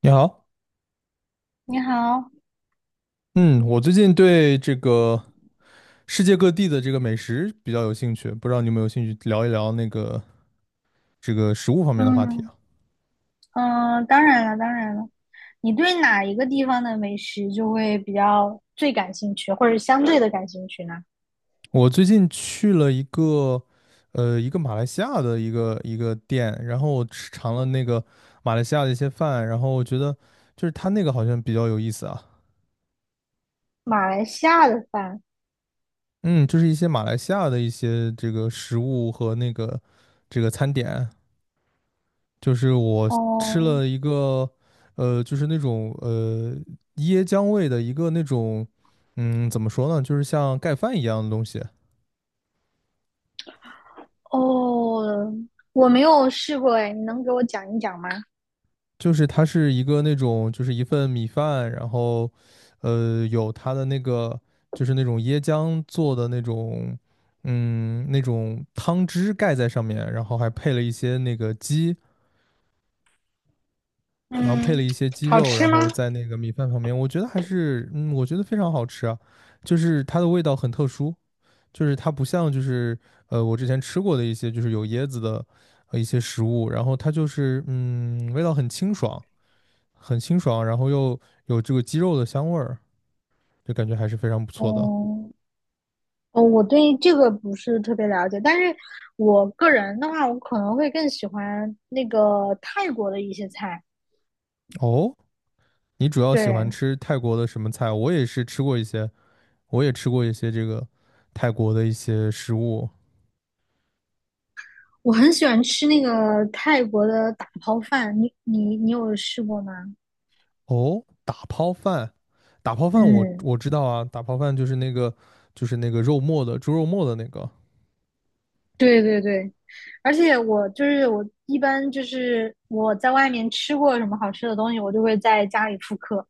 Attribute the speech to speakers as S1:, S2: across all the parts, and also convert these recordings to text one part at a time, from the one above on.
S1: 你好，
S2: 你好。
S1: 嗯，我最近对这个世界各地的这个美食比较有兴趣，不知道你有没有兴趣聊一聊食物方面的话题
S2: 嗯
S1: 啊？
S2: 嗯，当然了，当然了。你对哪一个地方的美食就会比较最感兴趣，或者相对的感兴趣呢？
S1: 我最近去了一个马来西亚的一个店，然后我尝了那个马来西亚的一些饭，然后我觉得就是它那个好像比较有意思啊。
S2: 马来西亚的饭。
S1: 嗯，就是一些马来西亚的一些这个食物和餐点。就是我吃
S2: 哦
S1: 了一个，就是那种椰浆味的一个那种，嗯，怎么说呢，就是像盖饭一样的东西。
S2: 哦，我没有试过哎，你能给我讲一讲吗？
S1: 就是它是一个那种，就是一份米饭，然后，有它的那个就是那种椰浆做的那种，嗯，那种汤汁盖在上面，然后还配了一些那个鸡，然后配了
S2: 嗯。
S1: 一些鸡肉，然后在那个米饭旁边，我觉得还是，嗯，我觉得非常好吃啊，就是它的味道很特殊。就是它不像我之前吃过的一些就是有椰子的一些食物，然后它就是味道很清爽，很清爽，然后又有这个鸡肉的香味儿，就感觉还是非常不错的。
S2: 哦哦，我对这个不是特别了解，但是我个人的话，我可能会更喜欢那个泰国的一些菜。
S1: 哦，你主要喜欢
S2: 对，
S1: 吃泰国的什么菜？我也是吃过一些，我也吃过一些这个泰国的一些食物。
S2: 我很喜欢吃那个泰国的打抛饭，你有试过吗？
S1: 哦，打抛饭，打抛饭我
S2: 嗯。
S1: 我知道啊，打抛饭就是那个肉末的猪肉末的那个。
S2: 对对对，而且我就是我一般就是我在外面吃过什么好吃的东西，我就会在家里复刻，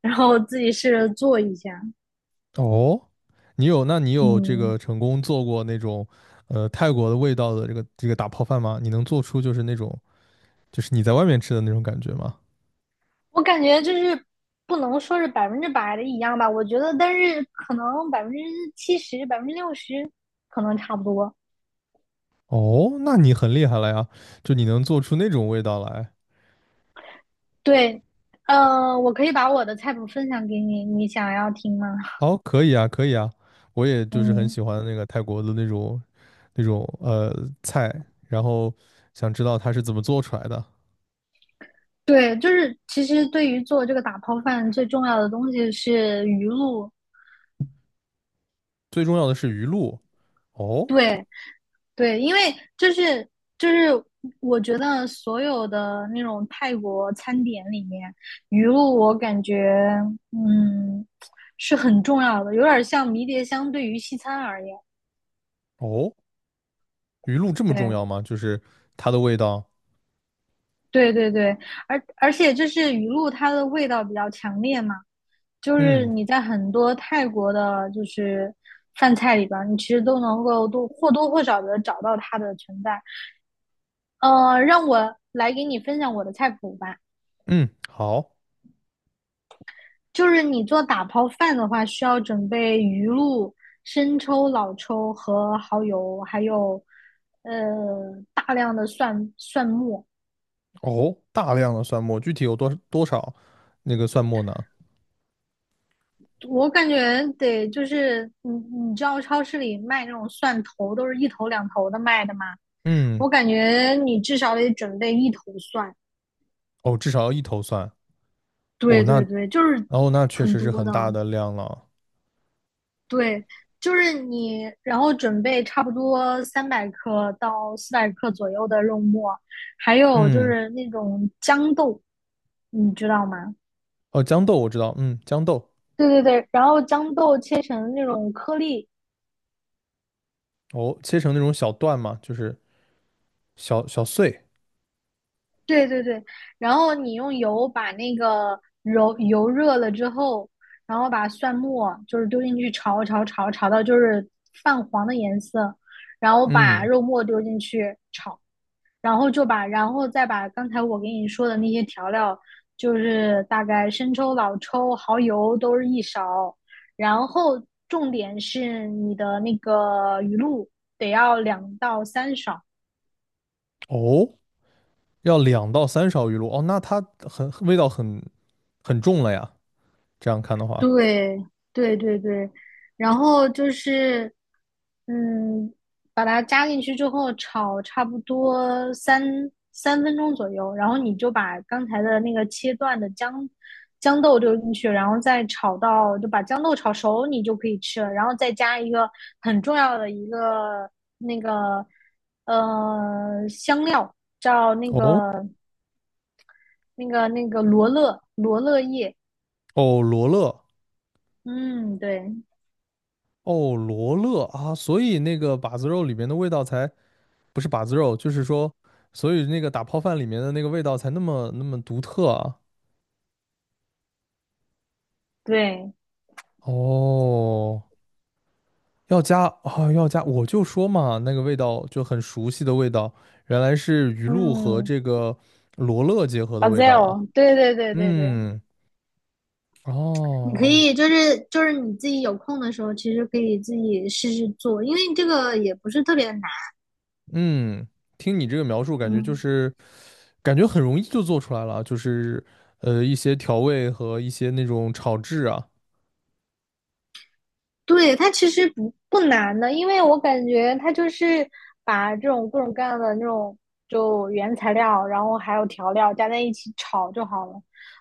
S2: 然后自己试着做一下。
S1: 哦，你有，那你有这个
S2: 嗯，
S1: 成功做过那种，呃，泰国的味道的这个打泡饭吗？你能做出就是那种，就是你在外面吃的那种感觉吗？
S2: 我感觉就是不能说是百分之百的一样吧，我觉得，但是可能70%、60%可能差不多。
S1: 哦，那你很厉害了呀，就你能做出那种味道来。
S2: 对，我可以把我的菜谱分享给你，你想要听吗？
S1: 哦，可以啊，可以啊，我也就是很
S2: 嗯，
S1: 喜欢那个泰国的那种那种呃菜，然后想知道它是怎么做出来的。
S2: 对，就是其实对于做这个打泡饭最重要的东西是鱼露。
S1: 最重要的是鱼露。哦
S2: 对对，因为就是就是我觉得所有的那种泰国餐点里面，鱼露我感觉嗯是很重要的，有点像迷迭香对于西餐而言。
S1: 哦。鱼露这么重
S2: 对
S1: 要吗？就是它的味道。
S2: 对对对，而且就是鱼露它的味道比较强烈嘛。就是
S1: 嗯
S2: 你在很多泰国的，就是饭菜里边你其实都能够多或多或少的找到它的存在。让我来给你分享我的菜谱吧。
S1: 嗯，好。
S2: 就是你做打抛饭的话，需要准备鱼露、生抽、老抽和蚝油，还有呃大量的蒜末。
S1: 哦，大量的蒜末，具体有多少那个蒜末呢？
S2: 我感觉得就是你知道超市里卖那种蒜头都是一头两头的卖的吗？
S1: 嗯，
S2: 我感觉你至少得准备一头蒜。
S1: 哦，至少要一头蒜。
S2: 对
S1: 哦，
S2: 对
S1: 那
S2: 对，就是
S1: 哦，那确
S2: 很
S1: 实是
S2: 多
S1: 很
S2: 的。
S1: 大的量了。
S2: 对，就是你，然后准备差不多300克到400克左右的肉末，还有就
S1: 嗯，
S2: 是那种豇豆，你知道吗？
S1: 哦，豇豆我知道，嗯，豇豆。
S2: 对对对，然后豇豆切成那种颗粒。
S1: 哦，切成那种小段嘛，就是小小碎。
S2: 对对对，然后你用油把那个揉油热了之后，然后把蒜末就是丢进去炒炒炒炒到就是泛黄的颜色，然后把
S1: 嗯，
S2: 肉末丢进去，然后再把刚才我给你说的那些调料，就是大概生抽、老抽、蚝油都是一勺，然后重点是你的那个鱼露得要2到3勺。
S1: 哦，要两到三勺鱼露。哦，那它味道很重了呀，这样看的话。
S2: 对对对对，然后就是，嗯，把它加进去之后炒差不多三分钟左右，然后你就把刚才的那个切断的姜豆丢进去，然后再炒到就把姜豆炒熟，你就可以吃了。然后再加一个很重要的一个那个香料，叫那
S1: 哦
S2: 个那个那个罗勒叶，
S1: 哦，罗勒。
S2: 嗯，对
S1: 哦罗勒啊，所以那个把子肉里面的味道才。不是把子肉，就是说，所以那个打泡饭里面的那个味道才那么独特啊。
S2: 对。
S1: 哦，要加啊，要加，我就说嘛，那个味道就很熟悉的味道，原来是鱼露和
S2: 嗯
S1: 这个罗勒结合的味道啊。
S2: ，Bazel，对对对对对。
S1: 嗯，
S2: 你可
S1: 哦，
S2: 以就是你自己有空的时候，其实可以自己试试做，因为这个也不是特别难。
S1: 嗯，听你这个描述，感觉就
S2: 嗯。
S1: 是感觉很容易就做出来了啊，就是一些调味和一些那种炒制啊。
S2: 对，它其实不难的，因为我感觉它就是把这种各种各样的那种就原材料，然后还有调料加在一起炒就好了，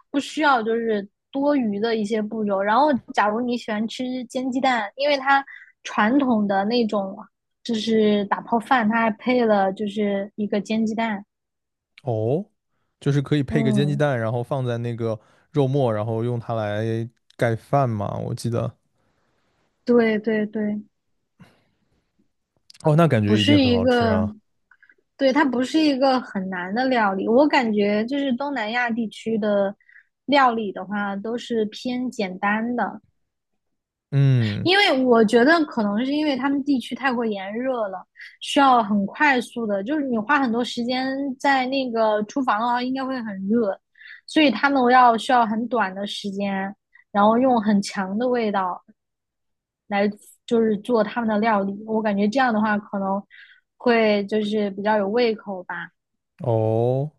S2: 不需要就是多余的一些步骤。然后，假如你喜欢吃煎鸡蛋，因为它传统的那种就是打泡饭，它还配了就是一个煎鸡蛋。
S1: 哦，就是可以配个煎鸡
S2: 嗯，
S1: 蛋，然后放在那个肉末，然后用它来盖饭嘛，我记得。
S2: 对对对。
S1: 哦，那感
S2: 不
S1: 觉一定
S2: 是
S1: 很
S2: 一
S1: 好吃
S2: 个
S1: 啊。
S2: 对，它不是一个很难的料理，我感觉就是东南亚地区的料理的话，都是偏简单的，
S1: 嗯，
S2: 因为我觉得可能是因为他们地区太过炎热了，需要很快速的，就是你花很多时间在那个厨房的话，应该会很热，所以他们需要很短的时间，然后用很强的味道来就是做他们的料理，我感觉这样的话可能会就是比较有胃口吧。
S1: 哦，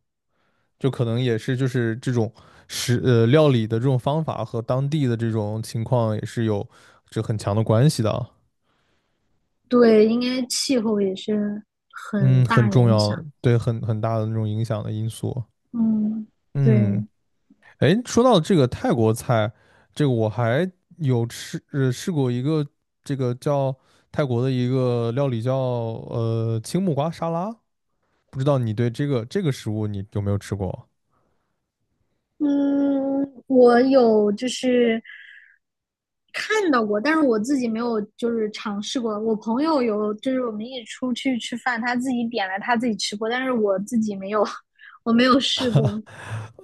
S1: 就可能也是就是这种料理的这种方法和当地的这种情况也是有这很强的关系的啊。
S2: 对，应该气候也是
S1: 嗯，
S2: 很
S1: 很
S2: 大
S1: 重
S2: 影
S1: 要，
S2: 响。
S1: 对，很大的那种影响的因素。
S2: 嗯，
S1: 嗯。
S2: 对，
S1: 哎，说到这个泰国菜，这个我还有试过一个这个叫泰国的一个料理叫青木瓜沙拉，不知道你对这个食物你有没有吃过？
S2: 嗯，我有就是看到过，但是我自己没有就是尝试过。我朋友有，就是我们一起出去吃饭，他自己点了，他自己吃过，但是我自己没有，我没有试过。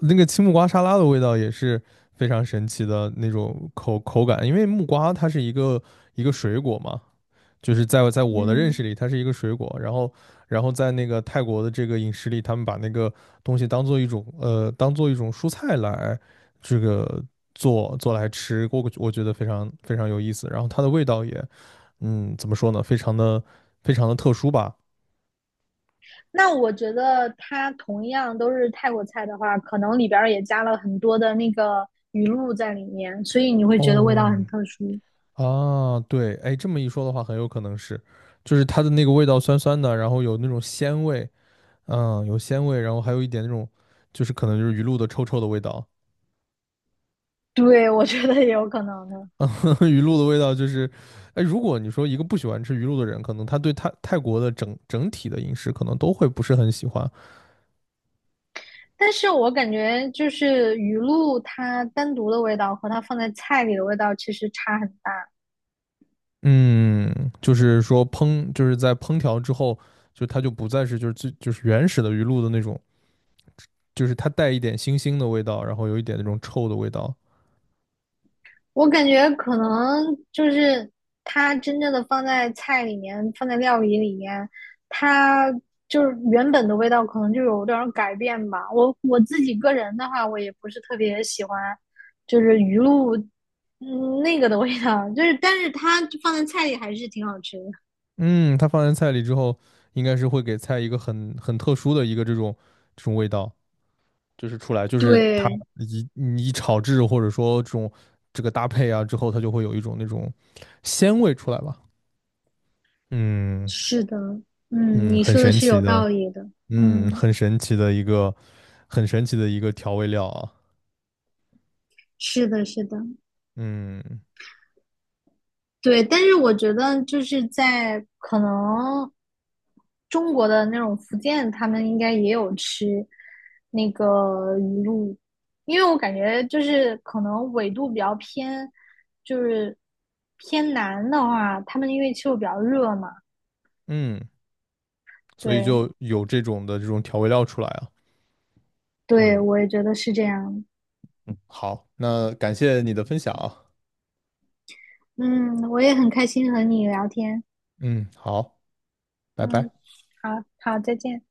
S1: 那个青木瓜沙拉的味道也是非常神奇的那种口感，因为木瓜它是一个一个水果嘛，就是在我的认识
S2: 嗯，
S1: 里，它是一个水果，然后然后在那个泰国的这个饮食里，他们把那个东西当做一种当做一种蔬菜来这个做来吃，我觉得非常非常有意思，然后它的味道也怎么说呢，非常的特殊吧。
S2: 那我觉得它同样都是泰国菜的话，可能里边儿也加了很多的那个鱼露在里面，所以你会觉得味道
S1: 哦
S2: 很特殊。
S1: 啊，对，哎，这么一说的话，很有可能是，就是它的那个味道酸酸的，然后有那种鲜味，嗯，有鲜味，然后还有一点那种就是可能就是鱼露的臭臭的味道。
S2: 对，我觉得也有可能的。
S1: 鱼露的味道就是，哎，如果你说一个不喜欢吃鱼露的人，可能他对泰国的整体的饮食可能都会不是很喜欢。
S2: 但是我感觉就是鱼露它单独的味道和它放在菜里的味道其实差很大。
S1: 嗯，就是说烹，就是在烹调之后，就它就不再是就是最就是原始的鱼露的那种，就是它带一点腥腥的味道，然后有一点那种臭的味道。
S2: 我感觉可能就是它真正的放在菜里面，放在料理里面，它就是原本的味道可能就有点改变吧。我自己个人的话，我也不是特别喜欢，就是鱼露那个的味道，就是但是它放在菜里还是挺好吃的。
S1: 嗯，它放在菜里之后，应该是会给菜一个很特殊的一个这种味道。就是出来，就是它
S2: 对，
S1: 你一炒制或者说这个搭配啊之后，它就会有一种那种鲜味出来吧。嗯
S2: 是的，嗯，
S1: 嗯，
S2: 你
S1: 很
S2: 说的
S1: 神
S2: 是
S1: 奇
S2: 有
S1: 的，
S2: 道理的，
S1: 嗯，
S2: 嗯。
S1: 很神奇的一个很神奇的一个调味料啊。
S2: 是的，是的，
S1: 嗯
S2: 对。但是我觉得就是在可能中国的那种福建，他们应该也有吃那个鱼露，因为我感觉就是可能纬度比较偏，就是偏南的话，他们因为气候比较热嘛，
S1: 嗯，所以
S2: 对，
S1: 就有这种的这种调味料出来啊。
S2: 对，
S1: 嗯，
S2: 我也觉得是这样。
S1: 好，那感谢你的分享啊。
S2: 嗯，我也很开心和你聊天。
S1: 嗯，好，拜
S2: 嗯，
S1: 拜。
S2: 好好，再见。